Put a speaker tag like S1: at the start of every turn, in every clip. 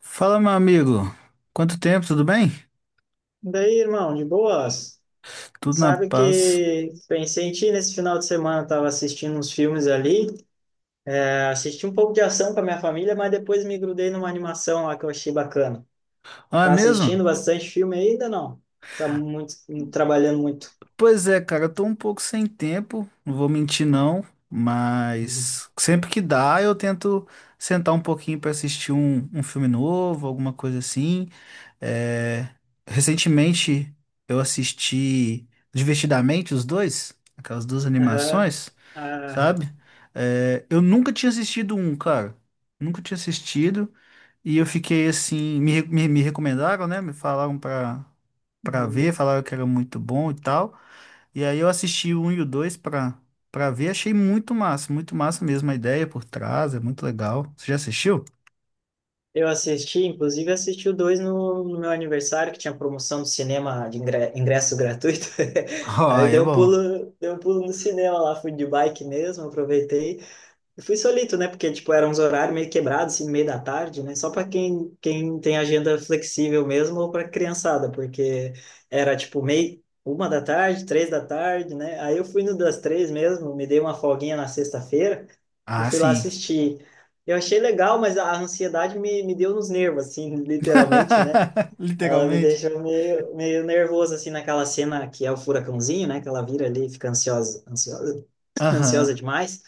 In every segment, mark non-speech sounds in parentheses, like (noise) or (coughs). S1: Fala, meu amigo. Quanto tempo, tudo bem?
S2: Daí, irmão, de boas.
S1: Tudo na
S2: Sabe
S1: paz.
S2: que pensei em ti nesse final de semana, tava assistindo uns filmes ali. É, assisti um pouco de ação com a minha família, mas depois me grudei numa animação lá que eu achei bacana.
S1: Ah, é
S2: Tá
S1: mesmo?
S2: assistindo bastante filme ainda, não? Tá muito, trabalhando muito.
S1: Pois é, cara, eu tô um pouco sem tempo, não vou mentir não,
S2: Uhum.
S1: mas sempre que dá eu tento sentar um pouquinho pra assistir um filme novo, alguma coisa assim. É, Recentemente eu assisti Divertidamente os dois, aquelas duas
S2: Aham,
S1: animações,
S2: aham.
S1: sabe? Eu nunca tinha assistido um, cara. Nunca tinha assistido. E eu fiquei assim, me recomendaram, né? Me falaram pra ver,
S2: Uhum.
S1: falaram que era muito bom e tal. E aí eu assisti o 1 e o 2 pra ver, achei muito massa mesmo a ideia por trás, é muito legal. Você já assistiu? (laughs)
S2: Eu assisti, inclusive assisti o dois no meu aniversário, que tinha promoção do cinema de ingresso gratuito.
S1: Oh,
S2: (laughs) Aí eu
S1: aí é bom.
S2: dei um pulo no cinema lá, fui de bike mesmo, aproveitei. Eu fui solito, né? Porque, tipo, eram uns horários meio quebrados, assim, no meio da tarde, né? Só para quem tem agenda flexível mesmo ou para criançada, porque era, tipo, meio, 1 da tarde, 3 da tarde, né? Aí eu fui no das três mesmo, me dei uma folguinha na sexta-feira e
S1: Ah,
S2: fui lá
S1: sim.
S2: assistir. Eu achei legal, mas a ansiedade me deu nos nervos, assim, (laughs) literalmente, né?
S1: (laughs)
S2: Ela me
S1: Literalmente.
S2: deixou meio nervoso, assim, naquela cena que é o furacãozinho, né? Que ela vira ali e fica ansiosa, ansiosa, (coughs) (laughs) ansiosa
S1: Aham.
S2: demais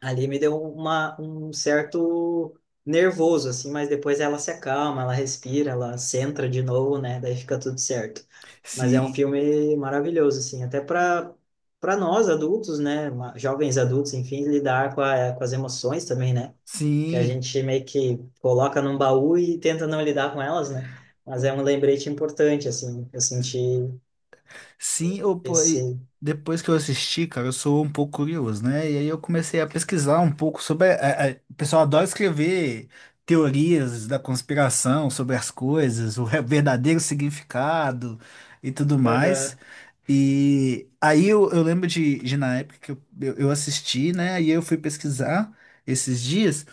S2: ali me deu um certo nervoso, assim, mas depois ela se acalma, ela respira, ela centra de novo, né? Daí fica tudo certo. Mas é um
S1: Sim,
S2: filme maravilhoso, assim, até para nós adultos, né? Jovens adultos, enfim, lidar com as emoções também, né? Que a
S1: sim.
S2: gente meio que coloca num baú e tenta não lidar com elas, né? Mas é um lembrete importante, assim, eu senti
S1: Sim, eu, pô, e
S2: esse.
S1: depois que eu assisti, cara, eu sou um pouco curioso, né? E aí eu comecei a pesquisar um pouco sobre. O pessoal adora escrever teorias da conspiração sobre as coisas, o verdadeiro significado e tudo mais.
S2: Aham.
S1: E aí eu lembro de na época que eu assisti, né? E eu fui pesquisar esses dias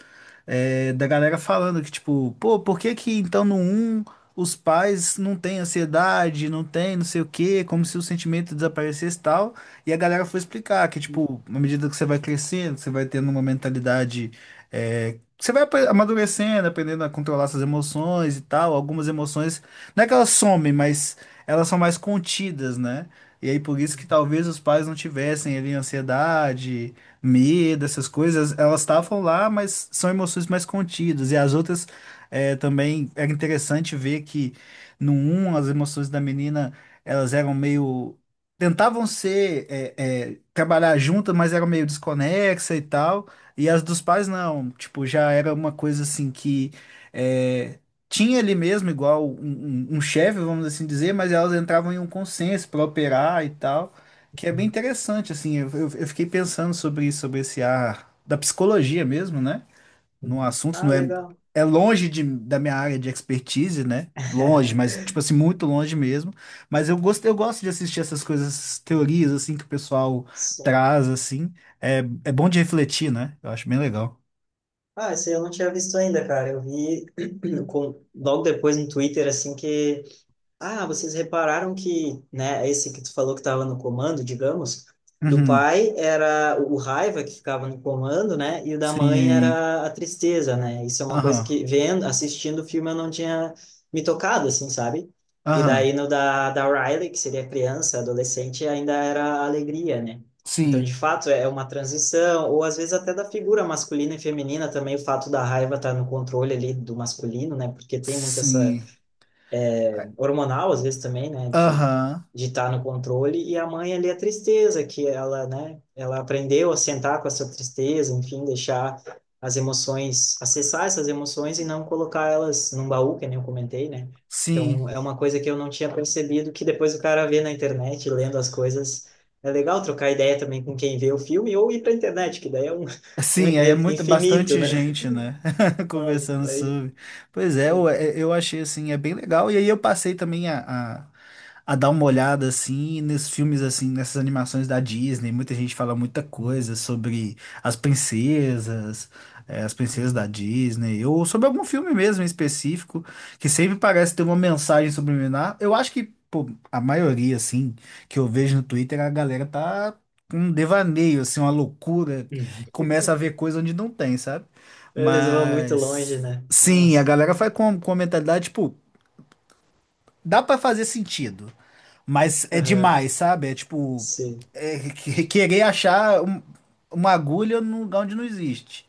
S1: da galera falando que, tipo, pô, por que que então no um os pais não têm ansiedade, não tem não sei o quê, como se o sentimento desaparecesse e tal. E a galera foi explicar que, tipo, à medida que você vai crescendo, você vai tendo uma mentalidade. Você vai amadurecendo, aprendendo a controlar suas emoções e tal. Algumas emoções, não é que elas somem, mas elas são mais contidas, né? E aí por isso que talvez os pais não tivessem ali ansiedade, medo, essas coisas, elas estavam lá, mas são emoções mais contidas. E as outras também era interessante ver que no um as emoções da menina elas eram meio. Tentavam ser, trabalhar juntas, mas eram meio desconexa e tal. E as dos pais não, tipo, já era uma coisa assim que é, tinha ali mesmo, igual um, um chefe, vamos assim dizer, mas elas entravam em um consenso para operar e tal. Que é bem interessante, assim, eu, eu fiquei pensando sobre isso, sobre esse ar da psicologia mesmo, né? No assunto,
S2: Ah,
S1: não é,
S2: legal.
S1: é longe da minha área de expertise, né? Longe, mas, tipo
S2: (laughs)
S1: assim, muito longe mesmo. Mas eu gosto de assistir essas coisas, essas teorias, assim, que o pessoal
S2: Só.
S1: traz, assim. É, é bom de refletir, né? Eu acho bem legal.
S2: Ah, esse eu não tinha visto ainda, cara. Eu vi (clears throat) logo depois no Twitter, assim, que ah, vocês repararam que, né, esse que tu falou que estava no comando, digamos, do
S1: Uhum,
S2: pai era o raiva que ficava no comando, né, e o da mãe
S1: sim,
S2: era a tristeza, né? Isso é uma coisa
S1: aham,
S2: que vendo, assistindo o filme eu não tinha me tocado, assim, sabe? E
S1: aham,
S2: daí no da Riley, que seria criança, adolescente, ainda era a alegria, né? Então, de
S1: sim,
S2: fato, é uma transição, ou às vezes até da figura masculina e feminina também, o fato da raiva estar no controle ali do masculino, né? Porque tem muito essa
S1: sim,
S2: hormonal, às vezes também, né, de
S1: aham,
S2: de estar no controle, e a mãe ali a tristeza que ela, né, ela aprendeu a sentar com essa tristeza, enfim, deixar as emoções, acessar essas emoções e não colocar elas num baú, que nem eu comentei, né? Então,
S1: sim.
S2: é uma coisa que eu não tinha percebido, que depois o cara vê na internet, lendo as coisas, é legal trocar ideia também com quem vê o filme ou ir pra internet, que daí é um, um
S1: Sim, é
S2: é
S1: muito,
S2: infinito,
S1: bastante
S2: né?
S1: gente, né? (laughs)
S2: (laughs) Nossa,
S1: Conversando
S2: aí.
S1: sobre. Pois é, eu achei assim, é bem legal. E aí eu passei também a dar uma olhada assim nesses filmes assim, nessas animações da Disney. Muita gente fala muita coisa sobre as princesas, eh, as princesas da
S2: Uhum.
S1: Disney, ou sobre algum filme mesmo em específico, que sempre parece ter uma mensagem subliminar. Eu acho que, pô, a maioria, assim, que eu vejo no Twitter, a galera tá com um devaneio, assim, uma loucura começa a ver coisa onde não tem, sabe?
S2: Eles vão muito
S1: Mas
S2: longe, né?
S1: sim, a
S2: Nossa.
S1: galera vai com a mentalidade, tipo, dá pra fazer sentido, mas é demais,
S2: Aham.
S1: sabe? É tipo,
S2: Sim,
S1: é querer achar uma agulha num lugar onde não existe.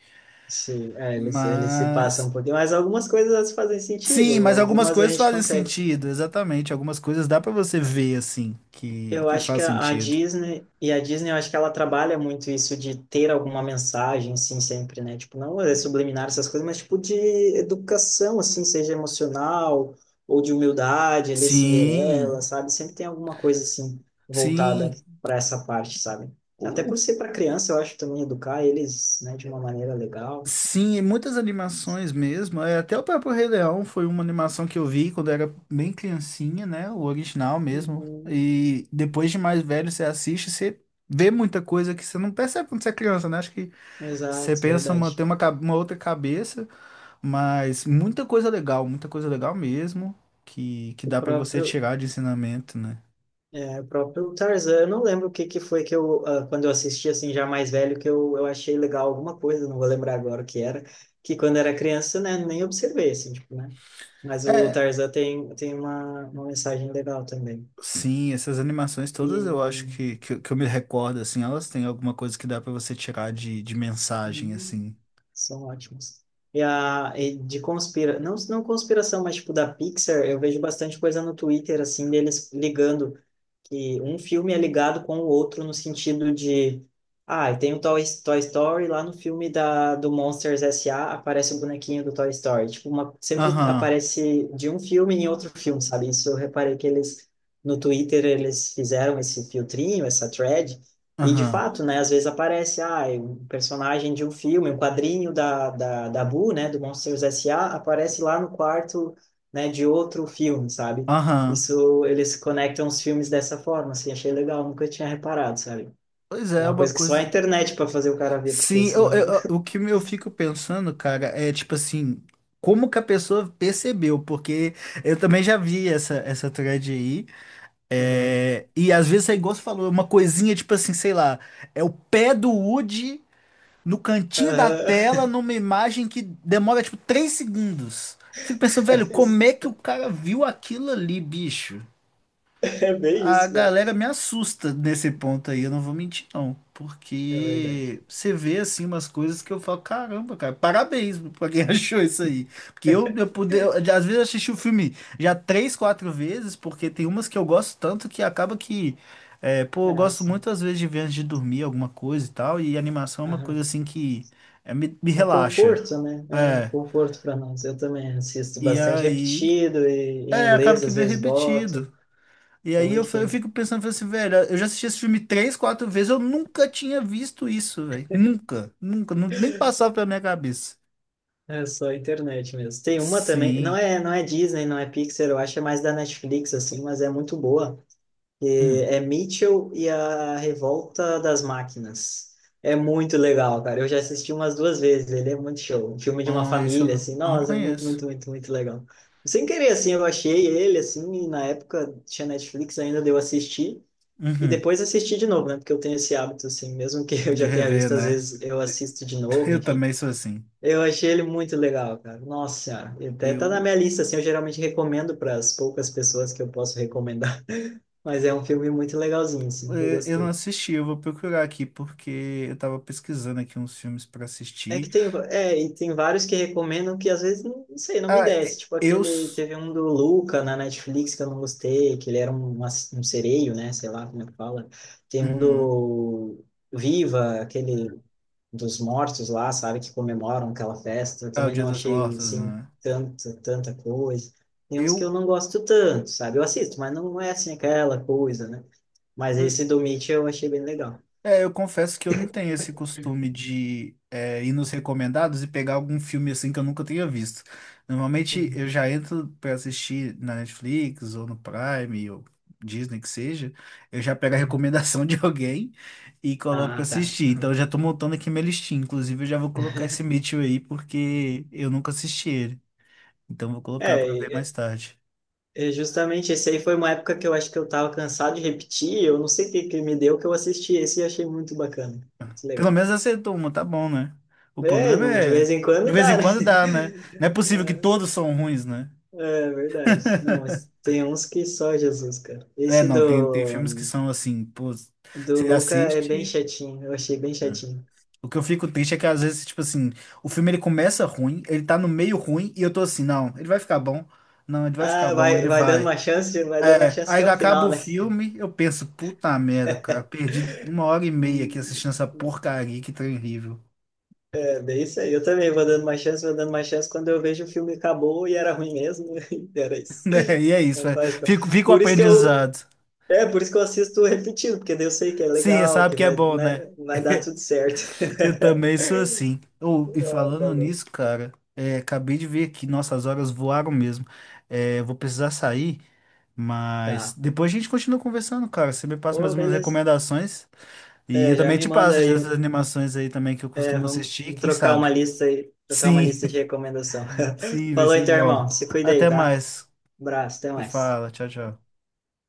S2: sim. É, eles se passam
S1: Mas
S2: um pouquinho, mas algumas coisas fazem sentido,
S1: sim, mas algumas
S2: algumas a
S1: coisas
S2: gente
S1: fazem
S2: consegue.
S1: sentido, exatamente. Algumas coisas dá pra você ver assim
S2: Eu
S1: que
S2: acho
S1: faz
S2: que a
S1: sentido.
S2: Disney, e a Disney, eu acho que ela trabalha muito isso de ter alguma mensagem, assim, sempre, né? Tipo, não é subliminar essas coisas, mas tipo de educação, assim, seja emocional ou de humildade, ali, Cinderela,
S1: Sim,
S2: sabe? Sempre tem alguma coisa, assim, voltada
S1: sim.
S2: para essa parte, sabe? Até
S1: O
S2: por ser para criança, eu acho também educar eles, né, de uma maneira legal.
S1: Sim, e muitas animações mesmo. É, até o próprio Rei Leão foi uma animação que eu vi quando era bem criancinha, né? O original mesmo.
S2: Uhum.
S1: E depois de mais velho, você assiste, você vê muita coisa que você não percebe quando você é criança, né? Acho que você
S2: Exato,
S1: pensa, uma,
S2: verdade.
S1: tem uma, uma outra cabeça, mas muita coisa legal mesmo, que
S2: O
S1: dá pra você
S2: próprio.
S1: tirar de ensinamento, né?
S2: É, o próprio Tarzan, eu não lembro o que que foi que eu, ah, quando eu assisti assim já mais velho, que eu achei legal alguma coisa, não vou lembrar agora o que era, que quando era criança, né, nem observei, assim, tipo, né? Mas o
S1: É,
S2: Tarzan tem uma mensagem legal também.
S1: Sim, essas animações
S2: E
S1: todas eu acho eu que eu me recordo, assim, elas têm alguma coisa que dá pra você tirar de mensagem,
S2: hum,
S1: assim.
S2: são ótimos. E de não, não conspiração, mas tipo da Pixar, eu vejo bastante coisa no Twitter, assim, deles ligando que um filme é ligado com o outro no sentido de, ah, tem o Toy Story lá no filme do Monsters S.A. aparece o bonequinho do Toy Story. Tipo, sempre
S1: Aham,
S2: aparece de um filme em outro filme, sabe? Isso eu reparei que eles no Twitter eles fizeram esse filtrinho, essa thread, e de
S1: aham,
S2: fato, né, às vezes aparece, ah, um personagem de um filme, um quadrinho da Boo, né, do Monsters S.A., aparece lá no quarto, né, de outro filme, sabe?
S1: aham.
S2: Isso, eles conectam os filmes dessa forma, assim, achei legal, nunca tinha reparado, sabe?
S1: Pois é,
S2: É
S1: é
S2: uma
S1: uma
S2: coisa que só a
S1: coisa.
S2: internet para fazer o cara ver, porque
S1: Sim, eu,
S2: senão.
S1: o que eu fico pensando, cara, é tipo assim, como que a pessoa percebeu? Porque eu também já vi essa, essa thread aí.
S2: Aham.
S1: É, e às vezes é igual você falou, é uma coisinha tipo assim, sei lá, é o pé do Woody no cantinho da
S2: Aham.
S1: tela,
S2: (laughs)
S1: numa imagem que demora tipo 3 segundos. Fico pensando, velho,
S2: É
S1: como
S2: isso.
S1: é que o cara viu aquilo ali, bicho?
S2: É bem
S1: A
S2: isso, né?
S1: galera me assusta nesse ponto aí, eu não vou mentir, não.
S2: É
S1: Porque
S2: verdade.
S1: você vê assim umas coisas que eu falo, caramba, cara, parabéns pra quem (laughs) achou isso aí. Porque eu poder,
S2: (laughs)
S1: às vezes eu assisti o filme já três, quatro vezes, porque tem umas que eu gosto tanto que acaba que, é, pô, eu
S2: Ah,
S1: gosto
S2: sim.
S1: muitas vezes de ver antes de dormir alguma coisa e tal, e animação é uma coisa
S2: Aham.
S1: assim que é, me
S2: É o
S1: relaxa.
S2: conforto, né? É,
S1: É,
S2: conforto para nós. Eu também assisto
S1: e
S2: bastante
S1: aí,
S2: repetido e em
S1: é, acaba
S2: inglês
S1: que
S2: às
S1: vê
S2: vezes boto.
S1: repetido. E aí
S2: Então,
S1: eu, eu
S2: enfim,
S1: fico pensando, falei assim, velho, eu já assisti esse filme três, quatro vezes, eu nunca tinha visto isso, velho. Nunca, nunca, nem passava pela minha cabeça.
S2: é só a internet mesmo. Tem uma também, não
S1: Sim.
S2: é, não é Disney, não é Pixar, eu acho é mais da Netflix assim, mas é muito boa. Que
S1: Hum.
S2: é Mitchell e a Revolta das Máquinas. É muito legal, cara. Eu já assisti umas duas vezes, ele é muito show. Um filme de uma
S1: Ah, esse
S2: família, assim,
S1: eu não
S2: nossa, é muito,
S1: conheço.
S2: muito, muito, muito legal. Sem querer, assim, eu achei ele, assim, e na época tinha Netflix ainda, deu assistir, e
S1: Uhum.
S2: depois assisti de novo, né? Porque eu tenho esse hábito, assim, mesmo que (laughs) eu
S1: De
S2: já tenha
S1: rever,
S2: visto, às
S1: né?
S2: vezes eu assisto de
S1: (laughs)
S2: novo,
S1: Eu
S2: enfim.
S1: também sou assim.
S2: Eu achei ele muito legal, cara. Nossa senhora, ele até tá na
S1: Eu,
S2: minha lista, assim, eu geralmente recomendo para as poucas pessoas que eu posso recomendar, (laughs) mas é um filme muito legalzinho, assim, que eu
S1: eu não
S2: gostei.
S1: assisti, eu vou procurar aqui, porque eu tava pesquisando aqui uns filmes pra
S2: É que
S1: assistir.
S2: tem, é, e tem vários que recomendam que às vezes, não, não sei, não me
S1: Ah,
S2: desce, tipo
S1: eu.
S2: aquele,
S1: S-
S2: teve um do Luca na Netflix que eu não gostei, que ele era um sereio, né, sei lá como é que fala. Tem um
S1: Uhum.
S2: do Viva, aquele dos mortos lá, sabe, que comemoram aquela festa. Eu
S1: Ah, o
S2: também
S1: Dia
S2: não
S1: dos
S2: achei,
S1: Mortos,
S2: assim,
S1: né?
S2: tanta, tanta coisa. Tem uns que
S1: Eu.
S2: eu não gosto tanto, sabe? Eu assisto, mas não é, assim, aquela coisa, né? Mas esse do Mitch eu achei bem legal.
S1: É, eu confesso que eu não tenho esse costume de é, ir nos recomendados e pegar algum filme assim que eu nunca tenha visto. Normalmente
S2: Uhum.
S1: eu já entro pra assistir na Netflix ou no Prime ou Disney que seja, eu já pego a recomendação (laughs) de alguém e coloco pra
S2: Ah, tá.
S1: assistir. Então eu
S2: Aham.
S1: já tô montando aqui minha listinha. Inclusive eu já vou colocar esse Mitchell aí porque eu nunca assisti ele. Então eu vou
S2: É,
S1: colocar pra ver mais
S2: e-
S1: tarde.
S2: e justamente esse aí foi uma época que eu acho que eu tava cansado de repetir, eu não sei o que que me deu que eu assisti esse e achei muito bacana, muito
S1: Pelo
S2: legal.
S1: menos acertou uma, tá bom, né? O
S2: É,
S1: problema
S2: de vez
S1: é,
S2: em
S1: de
S2: quando
S1: vez
S2: dá,
S1: em
S2: né?
S1: quando dá, né? Não é possível que
S2: (laughs)
S1: todos são ruins, né?
S2: É verdade. Não, mas tem uns que só Jesus, cara.
S1: É,
S2: Esse
S1: não, tem, tem filmes que
S2: do,
S1: são assim, pô,
S2: do
S1: você
S2: Luca é bem
S1: assiste.
S2: chatinho. Eu achei bem chatinho.
S1: O que eu fico triste é que às vezes, tipo assim, o filme ele começa ruim, ele tá no meio ruim, e eu tô assim, não, ele vai ficar bom. Não, ele vai ficar
S2: Ah,
S1: bom,
S2: vai,
S1: ele
S2: vai dando
S1: vai.
S2: uma chance, vai dando uma
S1: É,
S2: chance até
S1: aí
S2: o
S1: acaba
S2: final,
S1: o
S2: né?
S1: filme, eu penso, puta merda, cara, perdi uma hora e meia aqui
S2: Hum.
S1: assistindo essa porcaria, que trem horrível. (laughs)
S2: É bem isso aí. Eu também vou dando uma chance, vou dando uma chance. Quando eu vejo o filme acabou e era ruim mesmo, (laughs) e era isso.
S1: Né? E é isso,
S2: É,
S1: é. Fica, fica o
S2: Por isso que eu,
S1: aprendizado.
S2: é, por isso que eu assisto repetido, porque daí eu sei que é
S1: Sim,
S2: legal,
S1: sabe
S2: que
S1: que é
S2: vai,
S1: bom, né?
S2: né, vai dar tudo certo.
S1: Eu também sou
S2: (laughs)
S1: assim. Ô, e
S2: Ah, tá
S1: falando
S2: louco.
S1: nisso, cara, é, acabei de ver aqui, nossas horas voaram mesmo. É, vou precisar sair, mas
S2: Tá.
S1: depois a gente continua conversando, cara. Você me passa mais
S2: Ô,
S1: umas
S2: beleza.
S1: recomendações e
S2: É,
S1: eu
S2: já
S1: também
S2: me
S1: te
S2: manda
S1: passo
S2: aí.
S1: dessas animações aí também que eu
S2: É,
S1: costumo
S2: vamos
S1: assistir, quem
S2: trocar
S1: sabe?
S2: uma lista aí, trocar uma
S1: Sim,
S2: lista de recomendação.
S1: (laughs)
S2: (laughs)
S1: sim, vai
S2: Falou
S1: ser
S2: então,
S1: bom.
S2: irmão. Se cuida aí,
S1: Até
S2: tá?
S1: mais.
S2: Abraço, até
S1: Você
S2: mais.
S1: fala, tchau, tchau.